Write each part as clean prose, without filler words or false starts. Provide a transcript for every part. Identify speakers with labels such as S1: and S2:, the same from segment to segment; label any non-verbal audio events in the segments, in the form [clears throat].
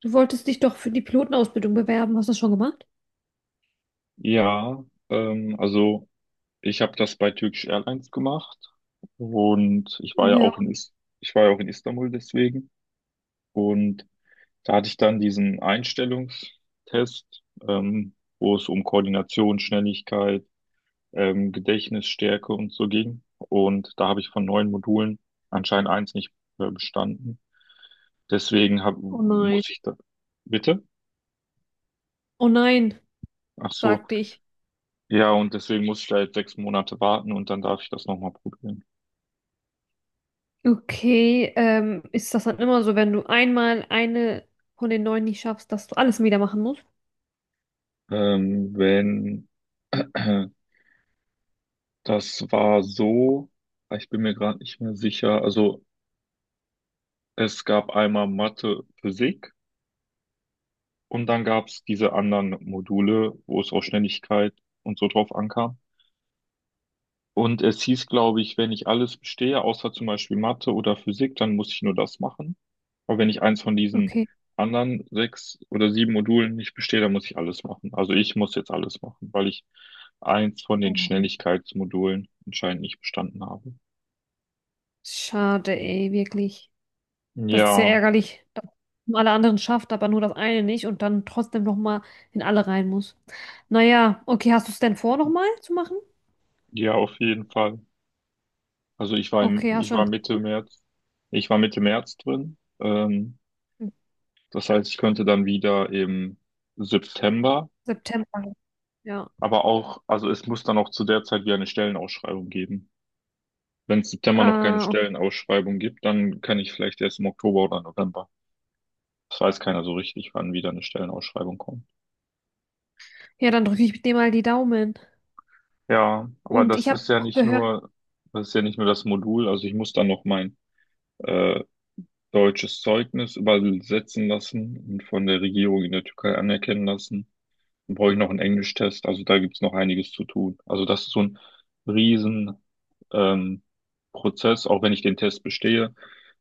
S1: Du wolltest dich doch für die Pilotenausbildung bewerben. Hast du das schon gemacht?
S2: Ja, also ich habe das bei Turkish Airlines gemacht und
S1: Ja.
S2: ich war ja auch in Istanbul deswegen. Und da hatte ich dann diesen Einstellungstest, wo es um Koordination, Schnelligkeit, Gedächtnisstärke und so ging, und da habe ich von neun Modulen anscheinend eins nicht bestanden. Deswegen
S1: Oh nein.
S2: muss ich da. Bitte?
S1: Oh nein,
S2: Ach so,
S1: sagte ich.
S2: ja, und deswegen muss ich da jetzt 6 Monate warten und dann darf ich das nochmal probieren.
S1: Okay, ist das dann immer so, wenn du einmal eine von den neun nicht schaffst, dass du alles wieder machen musst?
S2: Wenn [clears throat] das war so, ich bin mir gerade nicht mehr sicher. Also es gab einmal Mathe, Physik, und dann gab es diese anderen Module, wo es auf Schnelligkeit und so drauf ankam. Und es hieß, glaube ich, wenn ich alles bestehe, außer zum Beispiel Mathe oder Physik, dann muss ich nur das machen. Aber wenn ich eins von diesen
S1: Okay.
S2: anderen sechs oder sieben Modulen nicht bestehe, dann muss ich alles machen. Also ich muss jetzt alles machen, weil ich eins von
S1: Oh
S2: den
S1: nein.
S2: Schnelligkeitsmodulen anscheinend nicht bestanden habe.
S1: Schade, ey, wirklich. Das ist ja
S2: Ja,
S1: ärgerlich, dass man alle anderen schafft, aber nur das eine nicht und dann trotzdem nochmal in alle rein muss. Naja, okay, hast du es denn vor, nochmal zu machen?
S2: ja, auf jeden Fall. Also
S1: Okay, hast
S2: ich war
S1: schon
S2: Mitte März, drin. Das heißt, ich könnte dann wieder im September.
S1: September. Ja.
S2: Aber auch, also es muss dann auch zu der Zeit wieder eine Stellenausschreibung geben. Wenn es September noch keine
S1: Ah, okay.
S2: Stellenausschreibung gibt, dann kann ich vielleicht erst im Oktober oder November. Das weiß keiner so richtig, wann wieder eine Stellenausschreibung kommt.
S1: Ja, dann drücke ich dir mal die Daumen.
S2: Ja, aber
S1: Und ich habe auch gehört,
S2: das ist ja nicht nur das Modul. Also ich muss dann noch mein äh, deutsches Zeugnis übersetzen lassen und von der Regierung in der Türkei anerkennen lassen. Dann brauche ich noch einen Englischtest. Also da gibt's noch einiges zu tun. Also das ist so ein riesen ähm, Prozess, auch wenn ich den Test bestehe.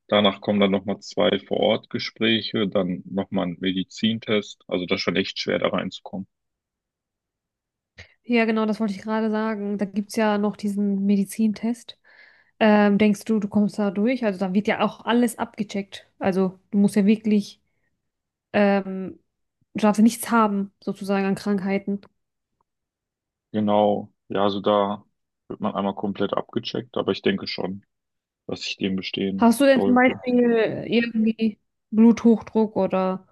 S2: Danach kommen dann nochmal zwei Vor-Ort-Gespräche, dann nochmal ein Medizintest. Also das ist schon echt schwer, da reinzukommen.
S1: ja genau, das wollte ich gerade sagen, da gibt es ja noch diesen Medizintest. Denkst du, du kommst da durch? Also da wird ja auch alles abgecheckt. Also du musst ja wirklich, ähm, du darfst ja nichts haben, sozusagen an Krankheiten.
S2: Genau. Ja, also da wird man einmal komplett abgecheckt, aber ich denke schon, dass ich den bestehen
S1: Hast du denn zum
S2: sollte.
S1: Beispiel irgendwie Bluthochdruck oder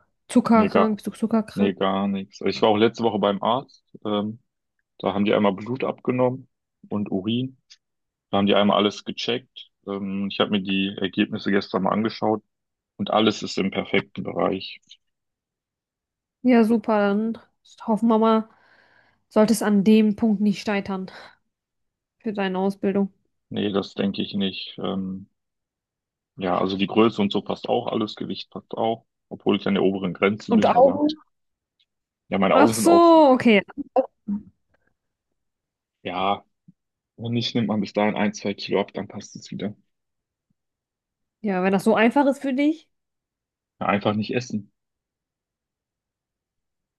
S2: Nee,
S1: Zuckerkrank?
S2: gar,
S1: Bist du
S2: nee,
S1: zuckerkrank?
S2: gar nichts. Ich war auch letzte Woche beim Arzt. Da haben die einmal Blut abgenommen und Urin. Da haben die einmal alles gecheckt. Ich habe mir die Ergebnisse gestern mal angeschaut, und alles ist im perfekten Bereich.
S1: Ja, super, dann hoffen wir mal, sollte es an dem Punkt nicht scheitern für deine Ausbildung.
S2: Nee, das denke ich nicht. Ja, also die Größe und so passt auch, alles, Gewicht passt auch, obwohl ich an der oberen Grenze
S1: Und
S2: bin. Aber
S1: Augen?
S2: ja, meine
S1: Ach
S2: Augen sind auch,
S1: so, okay.
S2: ja, wenn nicht, nimmt man bis dahin ein, zwei Kilo ab, dann passt es wieder.
S1: Ja, wenn das so einfach ist für dich.
S2: Ja, einfach nicht essen.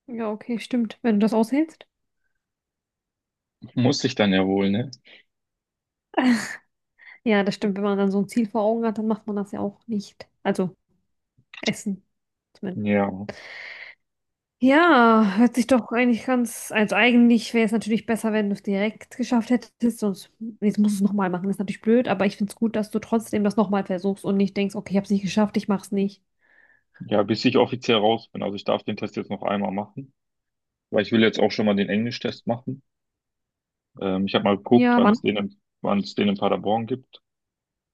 S1: Ja, okay, stimmt. Wenn du das aushältst.
S2: Muss sich dann ja wohl, ne?
S1: Ja, das stimmt. Wenn man dann so ein Ziel vor Augen hat, dann macht man das ja auch nicht. Also Essen zumindest.
S2: Ja,
S1: Ja, hört sich doch eigentlich ganz. Also eigentlich wäre es natürlich besser, wenn du es direkt geschafft hättest. Sonst jetzt musst du es nochmal machen. Das ist natürlich blöd, aber ich finde es gut, dass du trotzdem das nochmal versuchst und nicht denkst, okay, ich habe es nicht geschafft, ich mach's nicht.
S2: ja, bis ich offiziell raus bin. Also ich darf den Test jetzt noch einmal machen, weil ich will jetzt auch schon mal den Englisch-Test machen. Ich habe mal geguckt,
S1: Ja, wann?
S2: wann es den in Paderborn gibt.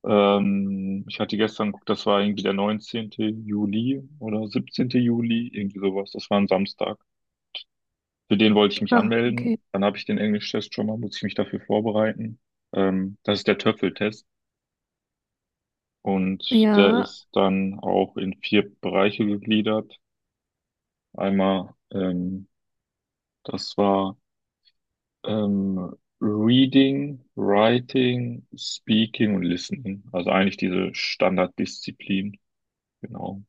S2: Ich hatte gestern geguckt, das war irgendwie der 19. Juli oder 17. Juli, irgendwie sowas. Das war ein Samstag. Für den wollte ich mich
S1: Ah, okay.
S2: anmelden. Dann habe ich den Englisch-Test schon mal, muss ich mich dafür vorbereiten. Das ist der Töpfeltest, und der
S1: Ja,
S2: ist dann auch in vier Bereiche gegliedert. Einmal, das war, Ähm, Reading, Writing, Speaking und Listening. Also eigentlich diese Standarddisziplin. Genau.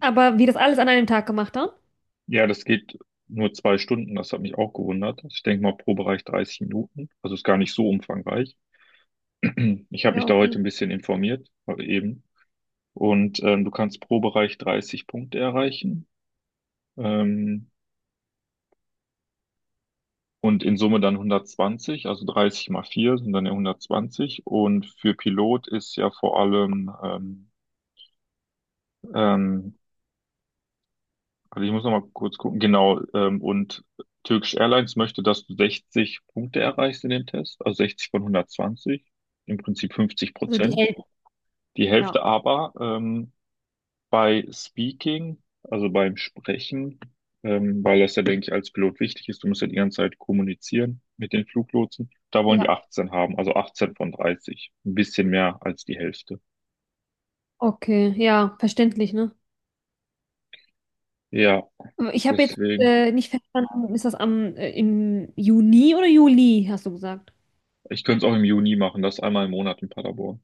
S1: aber wie das alles an einem Tag gemacht dann?
S2: Ja, das geht nur 2 Stunden. Das hat mich auch gewundert. Ich denke mal pro Bereich 30 Minuten. Also ist gar nicht so umfangreich. [clears throat] Ich habe mich
S1: Ja,
S2: da heute
S1: okay.
S2: ein bisschen informiert, heute eben. Und du kannst pro Bereich 30 Punkte erreichen. Ähm, und in Summe dann 120, also 30 mal 4 sind dann ja 120. Und für Pilot ist ja vor allem, ähm, also ich muss noch mal kurz gucken. Genau, und Turkish Airlines möchte, dass du 60 Punkte erreichst in dem Test, also 60 von 120, im Prinzip 50
S1: Also die
S2: Prozent.
S1: Eltern,
S2: Die
S1: ja.
S2: Hälfte. Aber bei Speaking, also beim Sprechen, weil das ja, denke ich, als Pilot wichtig ist. Du musst ja die ganze Zeit kommunizieren mit den Fluglotsen. Da wollen die
S1: Ja,
S2: 18 haben, also 18 von 30. Ein bisschen mehr als die Hälfte.
S1: okay. Ja, verständlich, ne?
S2: Ja,
S1: Ich habe jetzt
S2: deswegen.
S1: nicht verstanden, ist das am im Juni oder Juli, hast du gesagt?
S2: Ich könnte es auch im Juni machen, das einmal im Monat in Paderborn.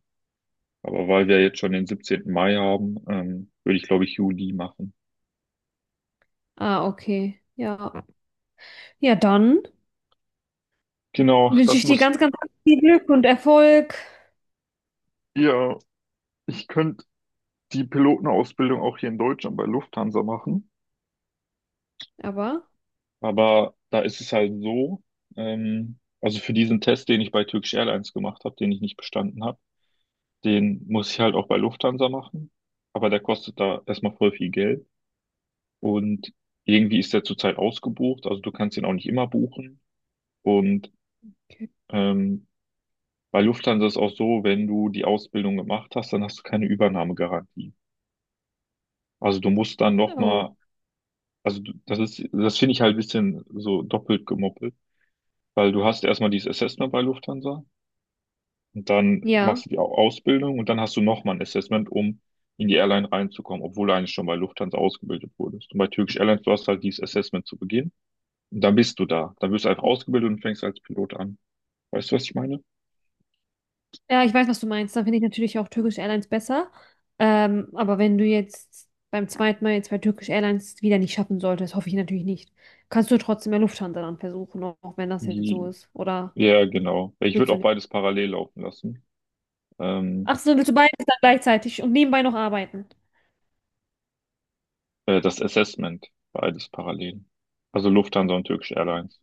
S2: Aber weil wir jetzt schon den 17. Mai haben, würde ich, glaube ich, Juli machen.
S1: Ah, okay. Ja. Ja, dann
S2: Genau,
S1: wünsche
S2: das
S1: ich dir
S2: muss
S1: ganz, ganz viel Glück und Erfolg.
S2: ihr. Ich könnte die Pilotenausbildung auch hier in Deutschland bei Lufthansa machen.
S1: Aber,
S2: Aber da ist es halt so, also für diesen Test, den ich bei Turkish Airlines gemacht habe, den ich nicht bestanden habe, den muss ich halt auch bei Lufthansa machen. Aber der kostet da erstmal voll viel Geld. Und irgendwie ist der zurzeit ausgebucht. Also du kannst ihn auch nicht immer buchen. Und
S1: okay.
S2: ähm, Bei Lufthansa ist auch so, wenn du die Ausbildung gemacht hast, dann hast du keine Übernahmegarantie. Also du musst dann
S1: Oh,
S2: nochmal, das finde ich halt ein bisschen so doppelt gemoppelt, weil du hast erstmal dieses Assessment bei Lufthansa und dann
S1: ja.
S2: machst du die Ausbildung und dann hast du nochmal ein Assessment, um in die Airline reinzukommen, obwohl du eigentlich schon bei Lufthansa ausgebildet wurdest. Und bei Turkish Airlines, du hast halt dieses Assessment zu Beginn, und dann bist du da. Dann wirst du einfach ausgebildet und fängst als Pilot an. Weißt du, was ich meine?
S1: Ja, ich weiß, was du meinst. Dann finde ich natürlich auch Turkish Airlines besser. Aber wenn du jetzt beim zweiten Mal jetzt bei Turkish Airlines wieder nicht schaffen solltest, hoffe ich natürlich nicht. Kannst du trotzdem bei Lufthansa dann versuchen, auch wenn das jetzt so
S2: Die,
S1: ist. Oder
S2: ja, genau. Ich
S1: willst
S2: würde
S1: du
S2: auch
S1: nicht?
S2: beides parallel laufen lassen. Ähm,
S1: Ach so, willst du beides dann gleichzeitig und nebenbei noch arbeiten?
S2: das Assessment, beides parallel. Also Lufthansa und Turkish Airlines.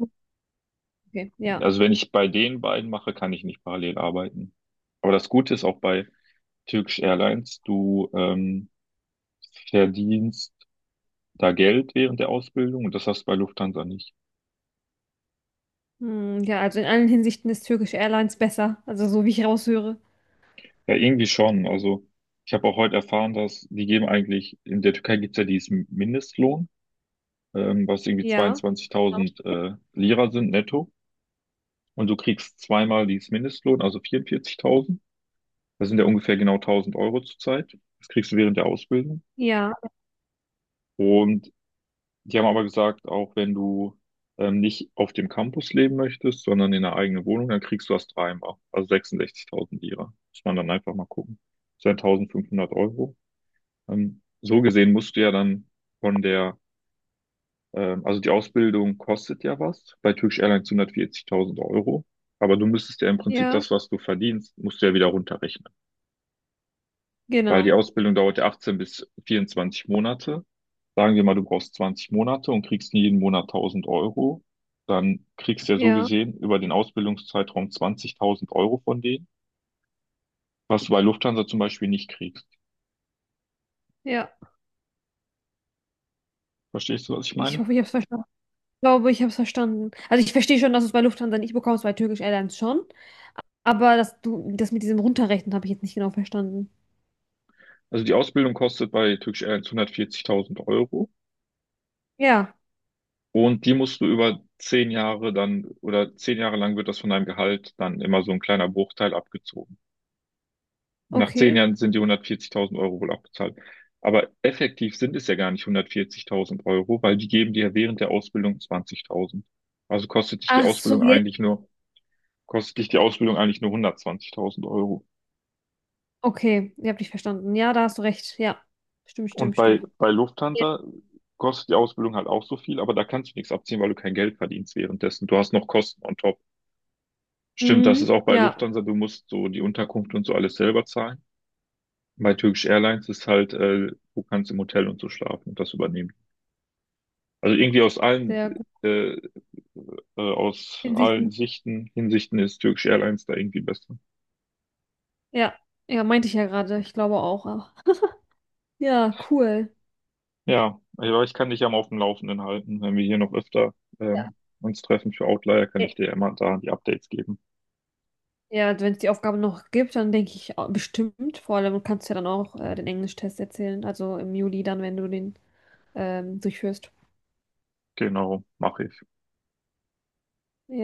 S1: Okay, ja.
S2: Also wenn ich bei den beiden mache, kann ich nicht parallel arbeiten. Aber das Gute ist auch bei Turkish Airlines, du verdienst da Geld während der Ausbildung, und das hast du bei Lufthansa nicht.
S1: Hm, ja, also in allen Hinsichten ist Turkish Airlines besser. Also so wie ich raushöre.
S2: Ja, irgendwie schon. Also ich habe auch heute erfahren, dass die geben eigentlich, in der Türkei gibt's ja diesen Mindestlohn, was irgendwie
S1: Ja,
S2: 22.000 Lira sind netto. Und du kriegst zweimal dieses Mindestlohn, also 44.000. Das sind ja ungefähr genau 1.000 Euro zurzeit. Das kriegst du während der Ausbildung.
S1: ja,
S2: Und die haben aber gesagt, auch wenn du nicht auf dem Campus leben möchtest, sondern in einer eigenen Wohnung, dann kriegst du das dreimal. Also 66.000 Lira. Muss man dann einfach mal gucken. Das sind 1.500 Euro. So gesehen musst du ja dann von der, also die Ausbildung kostet ja was. Bei Turkish Airlines 140.000 Euro. Aber du müsstest ja im Prinzip
S1: ja,
S2: das, was du verdienst, musst du ja wieder runterrechnen. Weil die
S1: genau.
S2: Ausbildung dauert ja 18 bis 24 Monate. Sagen wir mal, du brauchst 20 Monate und kriegst jeden Monat 1.000 Euro. Dann kriegst du ja so
S1: Ja,
S2: gesehen über den Ausbildungszeitraum 20.000 Euro von denen, was du bei Lufthansa zum Beispiel nicht kriegst.
S1: ja.
S2: Verstehst du, was ich
S1: Ich
S2: meine?
S1: hoffe, ich habe es verstanden. Ich glaube, ich habe es verstanden. Also ich verstehe schon, dass du es bei Lufthansa nicht bekommst, bei Turkish Airlines schon. Aber das, du, das mit diesem Runterrechnen habe ich jetzt nicht genau verstanden.
S2: Also die Ausbildung kostet bei Turkish Airlines 140.000 Euro
S1: Ja,
S2: und die musst du über 10 Jahre dann, oder 10 Jahre lang wird das von deinem Gehalt dann immer so ein kleiner Bruchteil abgezogen. Nach zehn
S1: okay.
S2: Jahren sind die 140.000 Euro wohl auch bezahlt. Aber effektiv sind es ja gar nicht 140.000 Euro, weil die geben dir ja während der Ausbildung 20.000. Also kostet dich die
S1: Ach so,
S2: Ausbildung
S1: jetzt.
S2: eigentlich nur, kostet dich die Ausbildung eigentlich nur 120.000 Euro.
S1: Okay, ich habe dich verstanden. Ja, da hast du recht. Ja, stimmt,
S2: Und
S1: stimmt,
S2: bei,
S1: stimmt.
S2: bei
S1: Ja,
S2: Lufthansa kostet die Ausbildung halt auch so viel, aber da kannst du nichts abziehen, weil du kein Geld verdienst währenddessen. Du hast noch Kosten on top. Stimmt, das ist
S1: mhm,
S2: auch bei
S1: ja
S2: Lufthansa, du musst so die Unterkunft und so alles selber zahlen. Bei Turkish Airlines ist halt, du kannst im Hotel und so schlafen und das übernehmen. Also irgendwie
S1: sehr gut.
S2: äh, aus allen
S1: Hinsichten.
S2: Sichten, Hinsichten ist Turkish Airlines da irgendwie besser.
S1: Ja, ja, meinte ich ja gerade. Ich glaube auch. Ja, cool.
S2: Ja, aber ich kann dich ja mal auf dem Laufenden halten. Wenn wir hier noch öfter ähm, uns treffen für Outlier, kann
S1: Ä-
S2: ich dir ja immer da die Updates geben.
S1: Ja, wenn es die Aufgabe noch gibt, dann denke ich bestimmt. Vor allem kannst du ja dann auch den Englischtest erzählen. Also im Juli dann, wenn du den durchführst.
S2: Genau, mache ich.
S1: Ja.